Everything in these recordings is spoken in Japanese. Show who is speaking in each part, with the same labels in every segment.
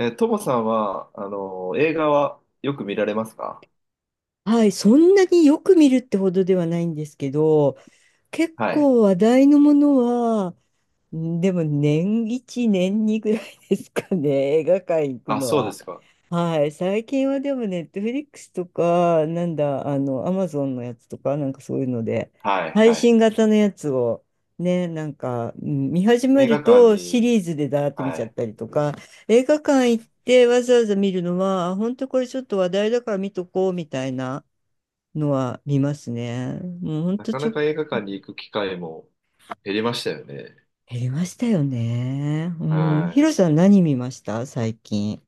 Speaker 1: トモさんは、映画はよく見られますか？
Speaker 2: はい、そんなによく見るってほどではないんですけど、結
Speaker 1: はい。
Speaker 2: 構話題のものは、んでも年1、年2ぐらいですかね、映画館行く
Speaker 1: あ、
Speaker 2: の
Speaker 1: そうで
Speaker 2: は。
Speaker 1: すか。
Speaker 2: はい、最近はでもネットフリックスとか、なんだ、あの、アマゾンのやつとか、そういうので、
Speaker 1: はい、
Speaker 2: 配
Speaker 1: はい。
Speaker 2: 信型のやつを、ね、見始め
Speaker 1: 映
Speaker 2: る
Speaker 1: 画館
Speaker 2: とシ
Speaker 1: に、
Speaker 2: リーズでだーって見
Speaker 1: は
Speaker 2: ちゃっ
Speaker 1: い。
Speaker 2: たりとか、映画館行ってわざわざ見るのは、あ本当これちょっと話題だから見とこうみたいな。のは見ますね。もうほん
Speaker 1: な
Speaker 2: と
Speaker 1: か
Speaker 2: ち
Speaker 1: な
Speaker 2: ょ、
Speaker 1: か映画館に行く機会も減りましたよね。
Speaker 2: 減りましたよね。うん。ヒ
Speaker 1: は
Speaker 2: ロさん何見ました最近。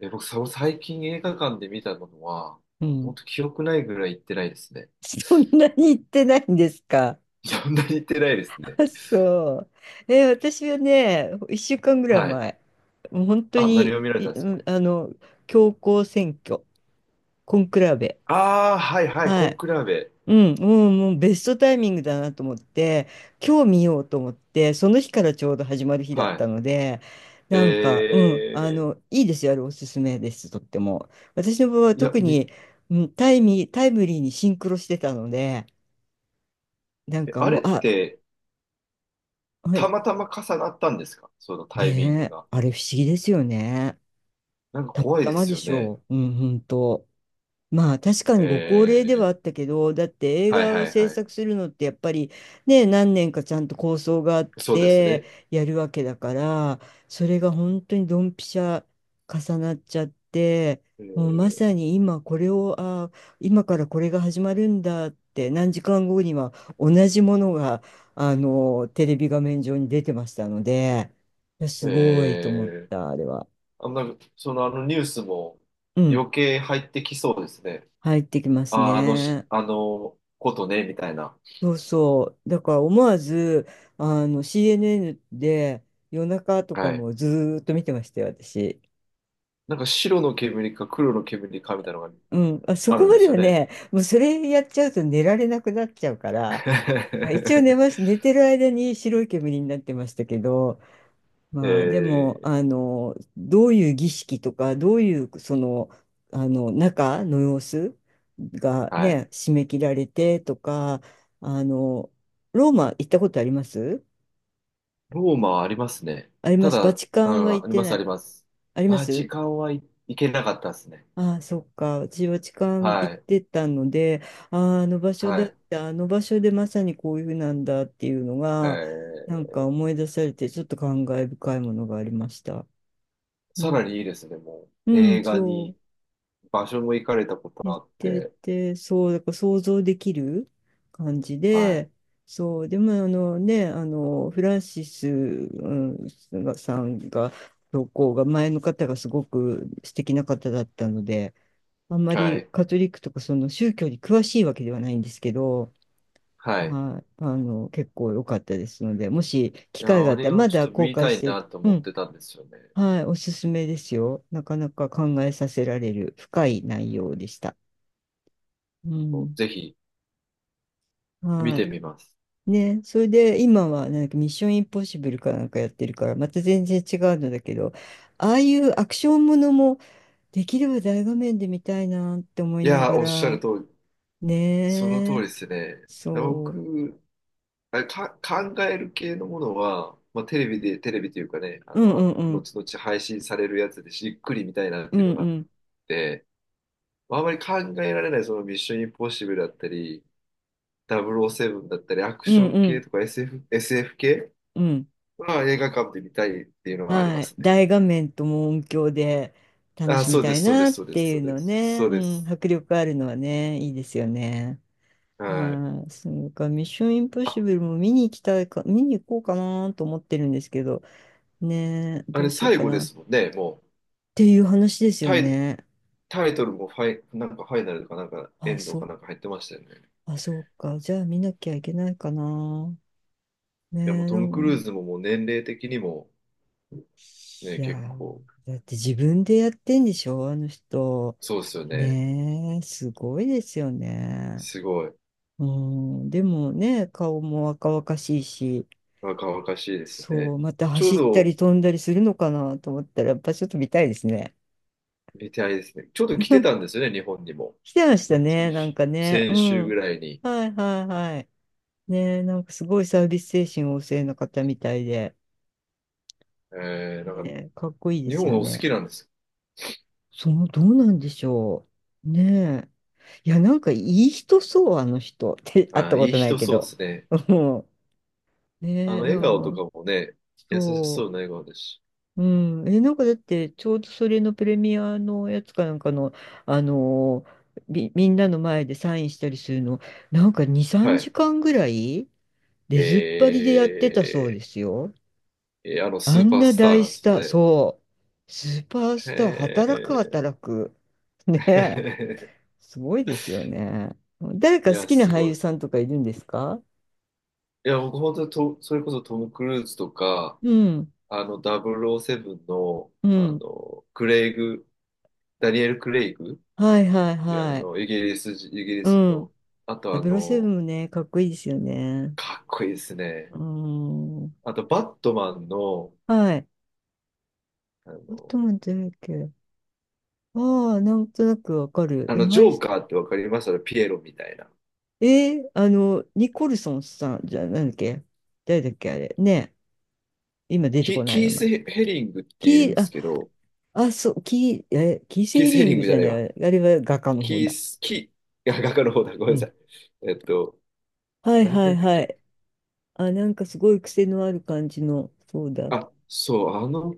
Speaker 1: い。僕、最近映画館で見たのは、
Speaker 2: う
Speaker 1: 本
Speaker 2: ん。
Speaker 1: 当記憶ないぐらい行ってないですね。
Speaker 2: そんなに行ってないんですか？
Speaker 1: そんなに行ってないですね。
Speaker 2: あ、そう。え、私はね、1週間ぐらい
Speaker 1: はい。
Speaker 2: 前、もう本当
Speaker 1: あ、何
Speaker 2: に、
Speaker 1: を見られ
Speaker 2: い
Speaker 1: たんで
Speaker 2: う
Speaker 1: すか？
Speaker 2: んあの、教皇選挙、コンクラベ。
Speaker 1: ああー、はい、はい、コ
Speaker 2: は
Speaker 1: ン
Speaker 2: い。
Speaker 1: クラーベ。
Speaker 2: もうベストタイミングだなと思って、今日見ようと思って、その日からちょうど始まる日だっ
Speaker 1: は
Speaker 2: た
Speaker 1: い。
Speaker 2: ので、
Speaker 1: え
Speaker 2: いいですよ、あれおすすめです、とっても。私の場合は
Speaker 1: いや、
Speaker 2: 特に、タイムリーにシンクロしてたので、なんか
Speaker 1: あ
Speaker 2: もう、
Speaker 1: れっ
Speaker 2: あ、
Speaker 1: て、
Speaker 2: は
Speaker 1: た
Speaker 2: い、
Speaker 1: またま重なったんですか？そのタイミング
Speaker 2: ねえ、
Speaker 1: が。
Speaker 2: あれ不思議ですよね。
Speaker 1: なんか
Speaker 2: たま
Speaker 1: 怖い
Speaker 2: た
Speaker 1: で
Speaker 2: ま
Speaker 1: す
Speaker 2: で
Speaker 1: よ
Speaker 2: し
Speaker 1: ね。
Speaker 2: ょう。うん、本当。まあ確か
Speaker 1: え
Speaker 2: にご高齢ではあ
Speaker 1: ー、
Speaker 2: ったけど、だって映
Speaker 1: はい
Speaker 2: 画を
Speaker 1: はい
Speaker 2: 制
Speaker 1: はい。
Speaker 2: 作するのってやっぱりね、何年かちゃんと構想があっ
Speaker 1: そうです
Speaker 2: て
Speaker 1: ね。
Speaker 2: やるわけだから、それが本当にドンピシャ重なっちゃって、もうま
Speaker 1: え
Speaker 2: さに今からこれが始まるんだって何時間後には同じものが、あの、テレビ画面上に出てましたので、いやす
Speaker 1: ー、
Speaker 2: ごいと思っ
Speaker 1: え
Speaker 2: た、あれは。
Speaker 1: あ、なんか、そのニュースも
Speaker 2: うん、
Speaker 1: 余計入ってきそうですね。
Speaker 2: 入ってきます
Speaker 1: あ、あのし、
Speaker 2: ね。
Speaker 1: あのことね、みたいな。
Speaker 2: そうそう。だから思わず、あの、CNN で夜中とか
Speaker 1: はい。
Speaker 2: もずーっと見てましたよ、私。
Speaker 1: なんか白の煙か黒の煙かみたいなのが
Speaker 2: うん。あ、そ
Speaker 1: あ
Speaker 2: こ
Speaker 1: るん
Speaker 2: ま
Speaker 1: で
Speaker 2: で
Speaker 1: すよ
Speaker 2: は
Speaker 1: ね。
Speaker 2: ね、もうそれやっちゃうと寝られなくなっちゃうから、あ一応寝ま し、寝てる間に白い煙になってましたけど、
Speaker 1: え
Speaker 2: まあ、でも、
Speaker 1: ー、
Speaker 2: あの、どういう儀式とか、どういう、その、あの、中の様子が
Speaker 1: はい。
Speaker 2: ね、締め切られてとか、あの、ローマ行ったことあります？
Speaker 1: ローマはありますね。
Speaker 2: ありま
Speaker 1: た
Speaker 2: す。バ
Speaker 1: だ、
Speaker 2: チカ
Speaker 1: う
Speaker 2: ンは
Speaker 1: ん、あ
Speaker 2: 行っ
Speaker 1: り
Speaker 2: て
Speaker 1: ます、
Speaker 2: な
Speaker 1: あ
Speaker 2: い。
Speaker 1: ります。
Speaker 2: ありま
Speaker 1: バチ
Speaker 2: す。
Speaker 1: カンはい、行けなかったですね。
Speaker 2: ああ、そっか。私、バチカン行っ
Speaker 1: はい、
Speaker 2: てたので、ああ、あの場所
Speaker 1: は
Speaker 2: だっ
Speaker 1: い。
Speaker 2: た、あの場所でまさにこういうふうなんだっていうの
Speaker 1: え
Speaker 2: が、なん
Speaker 1: ー、
Speaker 2: か思い出されて、ちょっと感慨深いものがありました。う
Speaker 1: さら
Speaker 2: ん。
Speaker 1: にいいですね、も
Speaker 2: う
Speaker 1: う。
Speaker 2: ん、
Speaker 1: 映画
Speaker 2: そ
Speaker 1: に、
Speaker 2: う。
Speaker 1: 場所も行かれたこと
Speaker 2: 言っ
Speaker 1: あっ
Speaker 2: て
Speaker 1: て、
Speaker 2: て、そう、だから想像できる感じ
Speaker 1: は
Speaker 2: で、そう、でもあのね、あの、フランシス、うんがさんが、教皇が前の方がすごく素敵な方だったので、あんま
Speaker 1: い、は
Speaker 2: り
Speaker 1: い、
Speaker 2: カトリックとかその宗教に詳しいわけではないんですけど、
Speaker 1: はい。
Speaker 2: はい、あの、結構良かったですので、もし機
Speaker 1: い
Speaker 2: 会
Speaker 1: や、
Speaker 2: があ
Speaker 1: あ
Speaker 2: った
Speaker 1: れ
Speaker 2: ら、
Speaker 1: を
Speaker 2: ま
Speaker 1: ちょっ
Speaker 2: だ
Speaker 1: と
Speaker 2: 公
Speaker 1: 見
Speaker 2: 開
Speaker 1: た
Speaker 2: し
Speaker 1: い
Speaker 2: てい
Speaker 1: な
Speaker 2: く。
Speaker 1: と
Speaker 2: う
Speaker 1: 思っ
Speaker 2: ん、
Speaker 1: てたんですよね。
Speaker 2: はい、おすすめですよ。なかなか考えさせられる深い内容でした。う
Speaker 1: そう
Speaker 2: ん。
Speaker 1: ぜひ、見
Speaker 2: は
Speaker 1: てみます。
Speaker 2: い。ね、それで今はなんかミッションインポッシブルかなんかやってるから、また全然違うのだけど、ああいうアクションものもできれば大画面で見たいなって思い
Speaker 1: い
Speaker 2: な
Speaker 1: や、
Speaker 2: が
Speaker 1: おっしゃる
Speaker 2: ら、
Speaker 1: 通り、その通
Speaker 2: ね
Speaker 1: り
Speaker 2: え、
Speaker 1: ですね。
Speaker 2: そ
Speaker 1: 僕、あれか、考える系のものは、まあ、テレビで、テレビというかね、
Speaker 2: う。うんうんうん。
Speaker 1: 後々配信されるやつでじっくり見たいなっ
Speaker 2: う
Speaker 1: ていう
Speaker 2: ん
Speaker 1: のが
Speaker 2: う
Speaker 1: あっ
Speaker 2: ん。
Speaker 1: て、まあ、あまり考えられない、そのミッションインポッシブルだったり、007だったり、アク
Speaker 2: う
Speaker 1: シ
Speaker 2: ん
Speaker 1: ョン
Speaker 2: う
Speaker 1: 系
Speaker 2: ん。
Speaker 1: とか SF 系
Speaker 2: うん。
Speaker 1: は映画館で見たいっていうのはありま
Speaker 2: はい。
Speaker 1: すね。
Speaker 2: 大画面とも音響で楽
Speaker 1: あ、
Speaker 2: しみ
Speaker 1: そう
Speaker 2: た
Speaker 1: で
Speaker 2: い
Speaker 1: す、そうで
Speaker 2: な
Speaker 1: す、
Speaker 2: っ
Speaker 1: そうです、
Speaker 2: てい
Speaker 1: そ
Speaker 2: う
Speaker 1: うで
Speaker 2: の
Speaker 1: す、
Speaker 2: ね。
Speaker 1: そうで
Speaker 2: う
Speaker 1: す。
Speaker 2: ん。迫力あるのはね、いいですよね。
Speaker 1: はい。
Speaker 2: はい、そうか、ミッションインポッ
Speaker 1: あ、
Speaker 2: シブルも見に行きたいか、見に行こうかなと思ってるんですけど、ねえ、
Speaker 1: あ
Speaker 2: どう
Speaker 1: れ
Speaker 2: しよう
Speaker 1: 最
Speaker 2: か
Speaker 1: 後で
Speaker 2: なっ
Speaker 1: すもんね、もう。
Speaker 2: ていう話ですよ
Speaker 1: タイ、
Speaker 2: ね。
Speaker 1: タイトルもファイ、なんかファイナルとかなんかエ
Speaker 2: あ、
Speaker 1: ンドか
Speaker 2: そ、
Speaker 1: なんか入ってましたよね。
Speaker 2: あ、そうか。じゃあ見なきゃいけないかな。ね
Speaker 1: いや、もう
Speaker 2: え、
Speaker 1: ト
Speaker 2: な
Speaker 1: ム・クルー
Speaker 2: ん
Speaker 1: ズももう年齢的にも
Speaker 2: い
Speaker 1: ね、
Speaker 2: や
Speaker 1: 結
Speaker 2: ー、
Speaker 1: 構、
Speaker 2: だって自分でやってんでしょ、あの人。
Speaker 1: そうですよね。
Speaker 2: ねえ、すごいですよね。
Speaker 1: すごい。
Speaker 2: うん、でもね、顔も若々しいし、
Speaker 1: 若々しいです
Speaker 2: そ
Speaker 1: ね。
Speaker 2: う、また
Speaker 1: ちょう
Speaker 2: 走った
Speaker 1: ど、
Speaker 2: り飛んだりするのかなと思ったら、やっぱちょっと見たいですね。
Speaker 1: 見てあれですね。ちょうど来てたんですよね、日本にも。
Speaker 2: 来てましたね、なんかね。う
Speaker 1: 先週ぐ
Speaker 2: ん。
Speaker 1: らいに。
Speaker 2: はいはいはい。ね、なんかすごいサービス精神旺盛な方みたいで。
Speaker 1: なんか、
Speaker 2: ね、かっこいいで
Speaker 1: 日
Speaker 2: す
Speaker 1: 本
Speaker 2: よ
Speaker 1: お好き
Speaker 2: ね。
Speaker 1: なんです。
Speaker 2: その、どうなんでしょう。ねえいや、なんかいい人そう、あの人。って、会っ
Speaker 1: あ
Speaker 2: た
Speaker 1: ー、
Speaker 2: こ
Speaker 1: いい
Speaker 2: とない
Speaker 1: 人
Speaker 2: け
Speaker 1: そうで
Speaker 2: ど。
Speaker 1: すね。
Speaker 2: うん。ねえ
Speaker 1: 笑
Speaker 2: な
Speaker 1: 顔と
Speaker 2: ん
Speaker 1: か
Speaker 2: か
Speaker 1: もね、優しそ
Speaker 2: そ
Speaker 1: うな笑顔ですし。
Speaker 2: う。うん。え、なんかだって、ちょうどそれのプレミアのやつかなんかの、あのみんなの前でサインしたりするの、なんか2、3
Speaker 1: はい。
Speaker 2: 時間ぐらい出ずっぱりでやってたそうで
Speaker 1: え
Speaker 2: すよ。
Speaker 1: ス
Speaker 2: あ
Speaker 1: ー
Speaker 2: ん
Speaker 1: パー
Speaker 2: な
Speaker 1: スター
Speaker 2: 大
Speaker 1: なんで
Speaker 2: ス
Speaker 1: すよ
Speaker 2: ター、
Speaker 1: ね。
Speaker 2: そう。スーパースター、
Speaker 1: へ
Speaker 2: 働く
Speaker 1: え。
Speaker 2: 働く。ねえ。すごいですよね。誰
Speaker 1: い
Speaker 2: か好
Speaker 1: や、
Speaker 2: きな
Speaker 1: す
Speaker 2: 俳
Speaker 1: ご
Speaker 2: 優
Speaker 1: い。
Speaker 2: さんとかいるんですか？
Speaker 1: いや、僕本当にそれこそトム・クルーズとか、
Speaker 2: うん。
Speaker 1: 007の、
Speaker 2: うん。
Speaker 1: クレイグ、ダニエル・クレイグ。
Speaker 2: はいはい
Speaker 1: いや、
Speaker 2: はい。
Speaker 1: イギリ
Speaker 2: う
Speaker 1: ス
Speaker 2: ん。
Speaker 1: の、あと
Speaker 2: ダブルセブンもね、かっこいいですよね。
Speaker 1: かっこいいですね。
Speaker 2: うーん。
Speaker 1: あと、バットマンの、
Speaker 2: はい。
Speaker 1: あ
Speaker 2: あと
Speaker 1: の、
Speaker 2: なんてだっけ。ああ、なんとなくわかる。でも、
Speaker 1: ジ
Speaker 2: はい、
Speaker 1: ョーカーってわかります？あのピエロみたいな。
Speaker 2: ニコルソンさんじゃ、なんだっけ？誰だっけあれ。ね。今出てこない
Speaker 1: キ
Speaker 2: 名
Speaker 1: ー
Speaker 2: 前。
Speaker 1: ス・ヘリングっている
Speaker 2: キー、
Speaker 1: んです
Speaker 2: あ、
Speaker 1: けど、
Speaker 2: あ、そう、キー
Speaker 1: キ
Speaker 2: セ
Speaker 1: ー
Speaker 2: ー
Speaker 1: ス・ヘ
Speaker 2: リン
Speaker 1: リン
Speaker 2: グ
Speaker 1: グじ
Speaker 2: じ
Speaker 1: ゃ
Speaker 2: ゃ
Speaker 1: な
Speaker 2: な
Speaker 1: いわ。
Speaker 2: い。あれは画家の方
Speaker 1: キー
Speaker 2: だ。
Speaker 1: ス、キ、いや、画家の方だ。ごめ
Speaker 2: う
Speaker 1: んなさ
Speaker 2: ん。
Speaker 1: い。えっと、
Speaker 2: はい
Speaker 1: なん
Speaker 2: は
Speaker 1: だ
Speaker 2: い
Speaker 1: ったっ
Speaker 2: は
Speaker 1: け？
Speaker 2: い。あ、なんかすごい癖のある感じの、そうだ。
Speaker 1: あ、そう、あの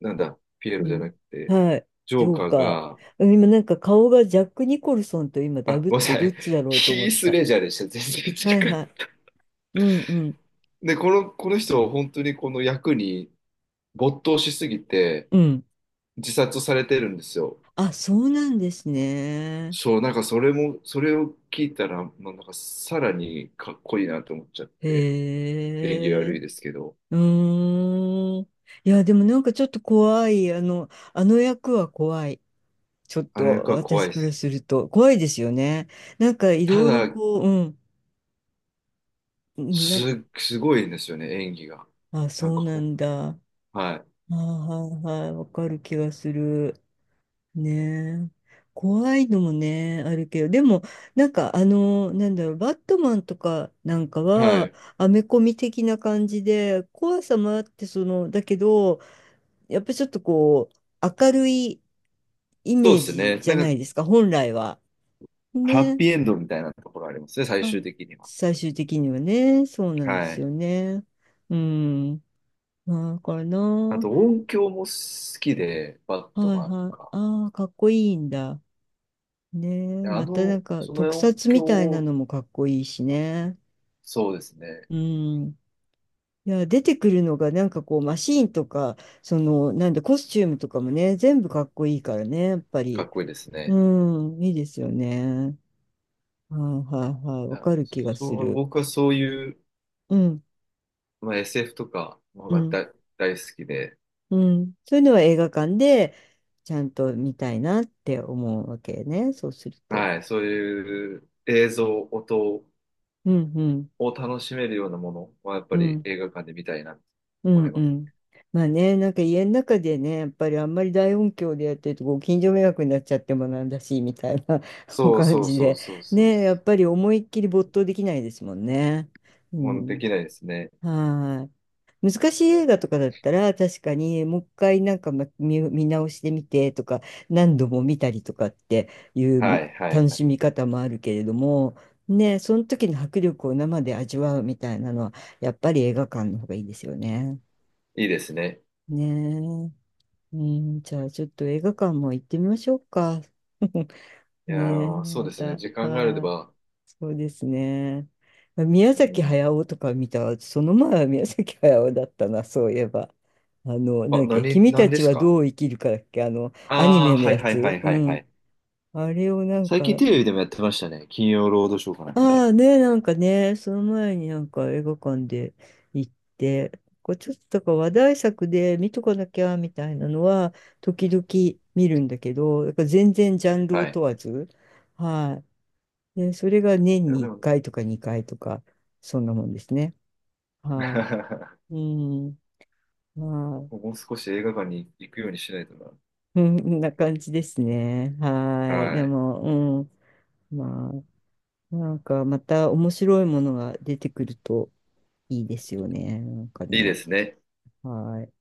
Speaker 1: なんだ、ピエロ
Speaker 2: う
Speaker 1: じゃな
Speaker 2: ん。
Speaker 1: くて、
Speaker 2: はい。
Speaker 1: ジ
Speaker 2: ジ
Speaker 1: ョー
Speaker 2: ョ
Speaker 1: カ
Speaker 2: ーカ
Speaker 1: ー
Speaker 2: ー。
Speaker 1: が、
Speaker 2: うん今なんか顔がジャック・ニコルソンと今ダ
Speaker 1: あ、
Speaker 2: ブっ
Speaker 1: ごめんな
Speaker 2: て
Speaker 1: さ
Speaker 2: どっ
Speaker 1: い、
Speaker 2: ちだろうと思
Speaker 1: ヒ
Speaker 2: っ
Speaker 1: ース・
Speaker 2: た。
Speaker 1: レジャーでした。全然
Speaker 2: はい
Speaker 1: 違
Speaker 2: は
Speaker 1: う。
Speaker 2: い。うんうん。
Speaker 1: で、この人、本当にこの役に没頭しすぎて、
Speaker 2: うん。
Speaker 1: 自殺されてるんですよ。
Speaker 2: あ、そうなんですね。
Speaker 1: そう、なんかそれを聞いたら、まあ、なんかさらにかっこいいなと思っちゃって、演技
Speaker 2: へ
Speaker 1: 悪い
Speaker 2: え。
Speaker 1: ですけど、
Speaker 2: うーん。いや、でもなんかちょっと怖い。あの、あの役は怖い。ちょっ
Speaker 1: あの
Speaker 2: と
Speaker 1: 役は怖い
Speaker 2: 私
Speaker 1: で
Speaker 2: から
Speaker 1: す。
Speaker 2: すると怖いですよね。なんかい
Speaker 1: た
Speaker 2: ろいろ
Speaker 1: だ、
Speaker 2: こう、うん、うんな、
Speaker 1: す、すごいんですよね、演技が。
Speaker 2: あ、
Speaker 1: なん
Speaker 2: そう
Speaker 1: か
Speaker 2: なんだ。
Speaker 1: はい。
Speaker 2: あーはいはい、わかる気がする。ねえ。怖いのもね、あるけど、でも、バットマンとかなんか
Speaker 1: は
Speaker 2: は、
Speaker 1: い。
Speaker 2: アメコミ的な感じで、怖さもあって、その、だけど、やっぱりちょっとこう、明るいイ
Speaker 1: そう
Speaker 2: メー
Speaker 1: です
Speaker 2: ジ
Speaker 1: ね。
Speaker 2: じ
Speaker 1: な
Speaker 2: ゃ
Speaker 1: ん
Speaker 2: な
Speaker 1: か、
Speaker 2: いですか、本来は。
Speaker 1: ハッ
Speaker 2: ね
Speaker 1: ピーエンドみたいなところありますね、最
Speaker 2: あ、
Speaker 1: 終的には。
Speaker 2: 最終的にはね、そうなんで
Speaker 1: は
Speaker 2: す
Speaker 1: い。
Speaker 2: よね。うん。だから
Speaker 1: あ
Speaker 2: な。
Speaker 1: と音響も好きで、バット
Speaker 2: はい
Speaker 1: マンと
Speaker 2: はい。
Speaker 1: か。
Speaker 2: ああ、かっこいいんだ。ねえ。またなんか
Speaker 1: その
Speaker 2: 特
Speaker 1: 音
Speaker 2: 撮みたいな
Speaker 1: 響、
Speaker 2: のもかっこいいしね。
Speaker 1: そうですね。
Speaker 2: うん。いや、出てくるのがなんかこうマシーンとか、その、なんだ、コスチュームとかもね、全部かっこいいからね、やっぱ
Speaker 1: か
Speaker 2: り。
Speaker 1: っこいいです
Speaker 2: う
Speaker 1: ね。
Speaker 2: ん、いいですよね。はいはいはい。わ
Speaker 1: あ
Speaker 2: かる気が
Speaker 1: そ
Speaker 2: す
Speaker 1: う、
Speaker 2: る。
Speaker 1: 僕はそういう、
Speaker 2: うん、
Speaker 1: まあ、SF とかも
Speaker 2: う
Speaker 1: ま
Speaker 2: ん。
Speaker 1: た大好きで、
Speaker 2: うん。そういうのは映画館でちゃんと見たいなって思うわけね。そうすると。
Speaker 1: はい、そういう映像、音
Speaker 2: うんうん
Speaker 1: を楽しめるようなものはやっぱ
Speaker 2: う
Speaker 1: り
Speaker 2: ん
Speaker 1: 映画館で見たいなと
Speaker 2: う
Speaker 1: 思い
Speaker 2: んう
Speaker 1: ます。
Speaker 2: ん。まあね、なんか家の中でね、やっぱりあんまり大音響でやってるとご近所迷惑になっちゃってもなんだし、みたいな
Speaker 1: そう
Speaker 2: 感
Speaker 1: そう
Speaker 2: じ
Speaker 1: そう
Speaker 2: で。
Speaker 1: そうそう。
Speaker 2: ね、やっぱり思いっきり没頭できないですもんね。う
Speaker 1: もうで
Speaker 2: ん。
Speaker 1: きないですね。
Speaker 2: はーい。難しい映画とかだったら確かにもう一回なんかま見、見直してみてとか何度も見たりとかってい
Speaker 1: は
Speaker 2: う
Speaker 1: いはい
Speaker 2: 楽
Speaker 1: は
Speaker 2: し
Speaker 1: い。
Speaker 2: み方もあるけれどもねその時の迫力を生で味わうみたいなのはやっぱり映画館の方がいいですよね。
Speaker 1: いいですね。
Speaker 2: ねえ、うん、じゃあちょっと映画館も行ってみましょうか。
Speaker 1: いや
Speaker 2: ねえ、
Speaker 1: ー、そう
Speaker 2: ま
Speaker 1: ですね。
Speaker 2: た。
Speaker 1: 時間があれ
Speaker 2: はーい
Speaker 1: ば。
Speaker 2: そうですね。宮
Speaker 1: う
Speaker 2: 崎
Speaker 1: ん。
Speaker 2: 駿とか見た、その前は宮崎駿だったな、そういえば。あの、なんだ
Speaker 1: あ、
Speaker 2: っけ、
Speaker 1: 何、
Speaker 2: 君
Speaker 1: 何
Speaker 2: た
Speaker 1: で
Speaker 2: ち
Speaker 1: す
Speaker 2: は
Speaker 1: か？
Speaker 2: どう生きるかだっけ、あの、アニ
Speaker 1: あ
Speaker 2: メ
Speaker 1: あ
Speaker 2: の
Speaker 1: ー、はい
Speaker 2: や
Speaker 1: はいは
Speaker 2: つ。
Speaker 1: い
Speaker 2: う
Speaker 1: はいは
Speaker 2: ん。
Speaker 1: い。
Speaker 2: あれをなん
Speaker 1: 最近
Speaker 2: か、
Speaker 1: テレビでもやってましたね。金曜ロードショーかなんかで。
Speaker 2: ああね、なんかね、その前になんか映画館で行って、こうちょっとだから話題作で見とかなきゃみたいなのは、時々見るんだけど、だから全然ジャンルを
Speaker 1: はい。
Speaker 2: 問わず、はい。で、それが年
Speaker 1: いや、
Speaker 2: に
Speaker 1: で
Speaker 2: 1
Speaker 1: も、
Speaker 2: 回とか2回とか、そんなもんですね。は い。うん。まあ、
Speaker 1: もう少し映画館に行くようにしないと
Speaker 2: うん、こんな感じですね。
Speaker 1: な。
Speaker 2: はい。
Speaker 1: は
Speaker 2: で
Speaker 1: い。
Speaker 2: も、うん。まあ、なんかまた面白いものが出てくるといいですよね。なんか
Speaker 1: いいで
Speaker 2: ね。
Speaker 1: すね。
Speaker 2: はい。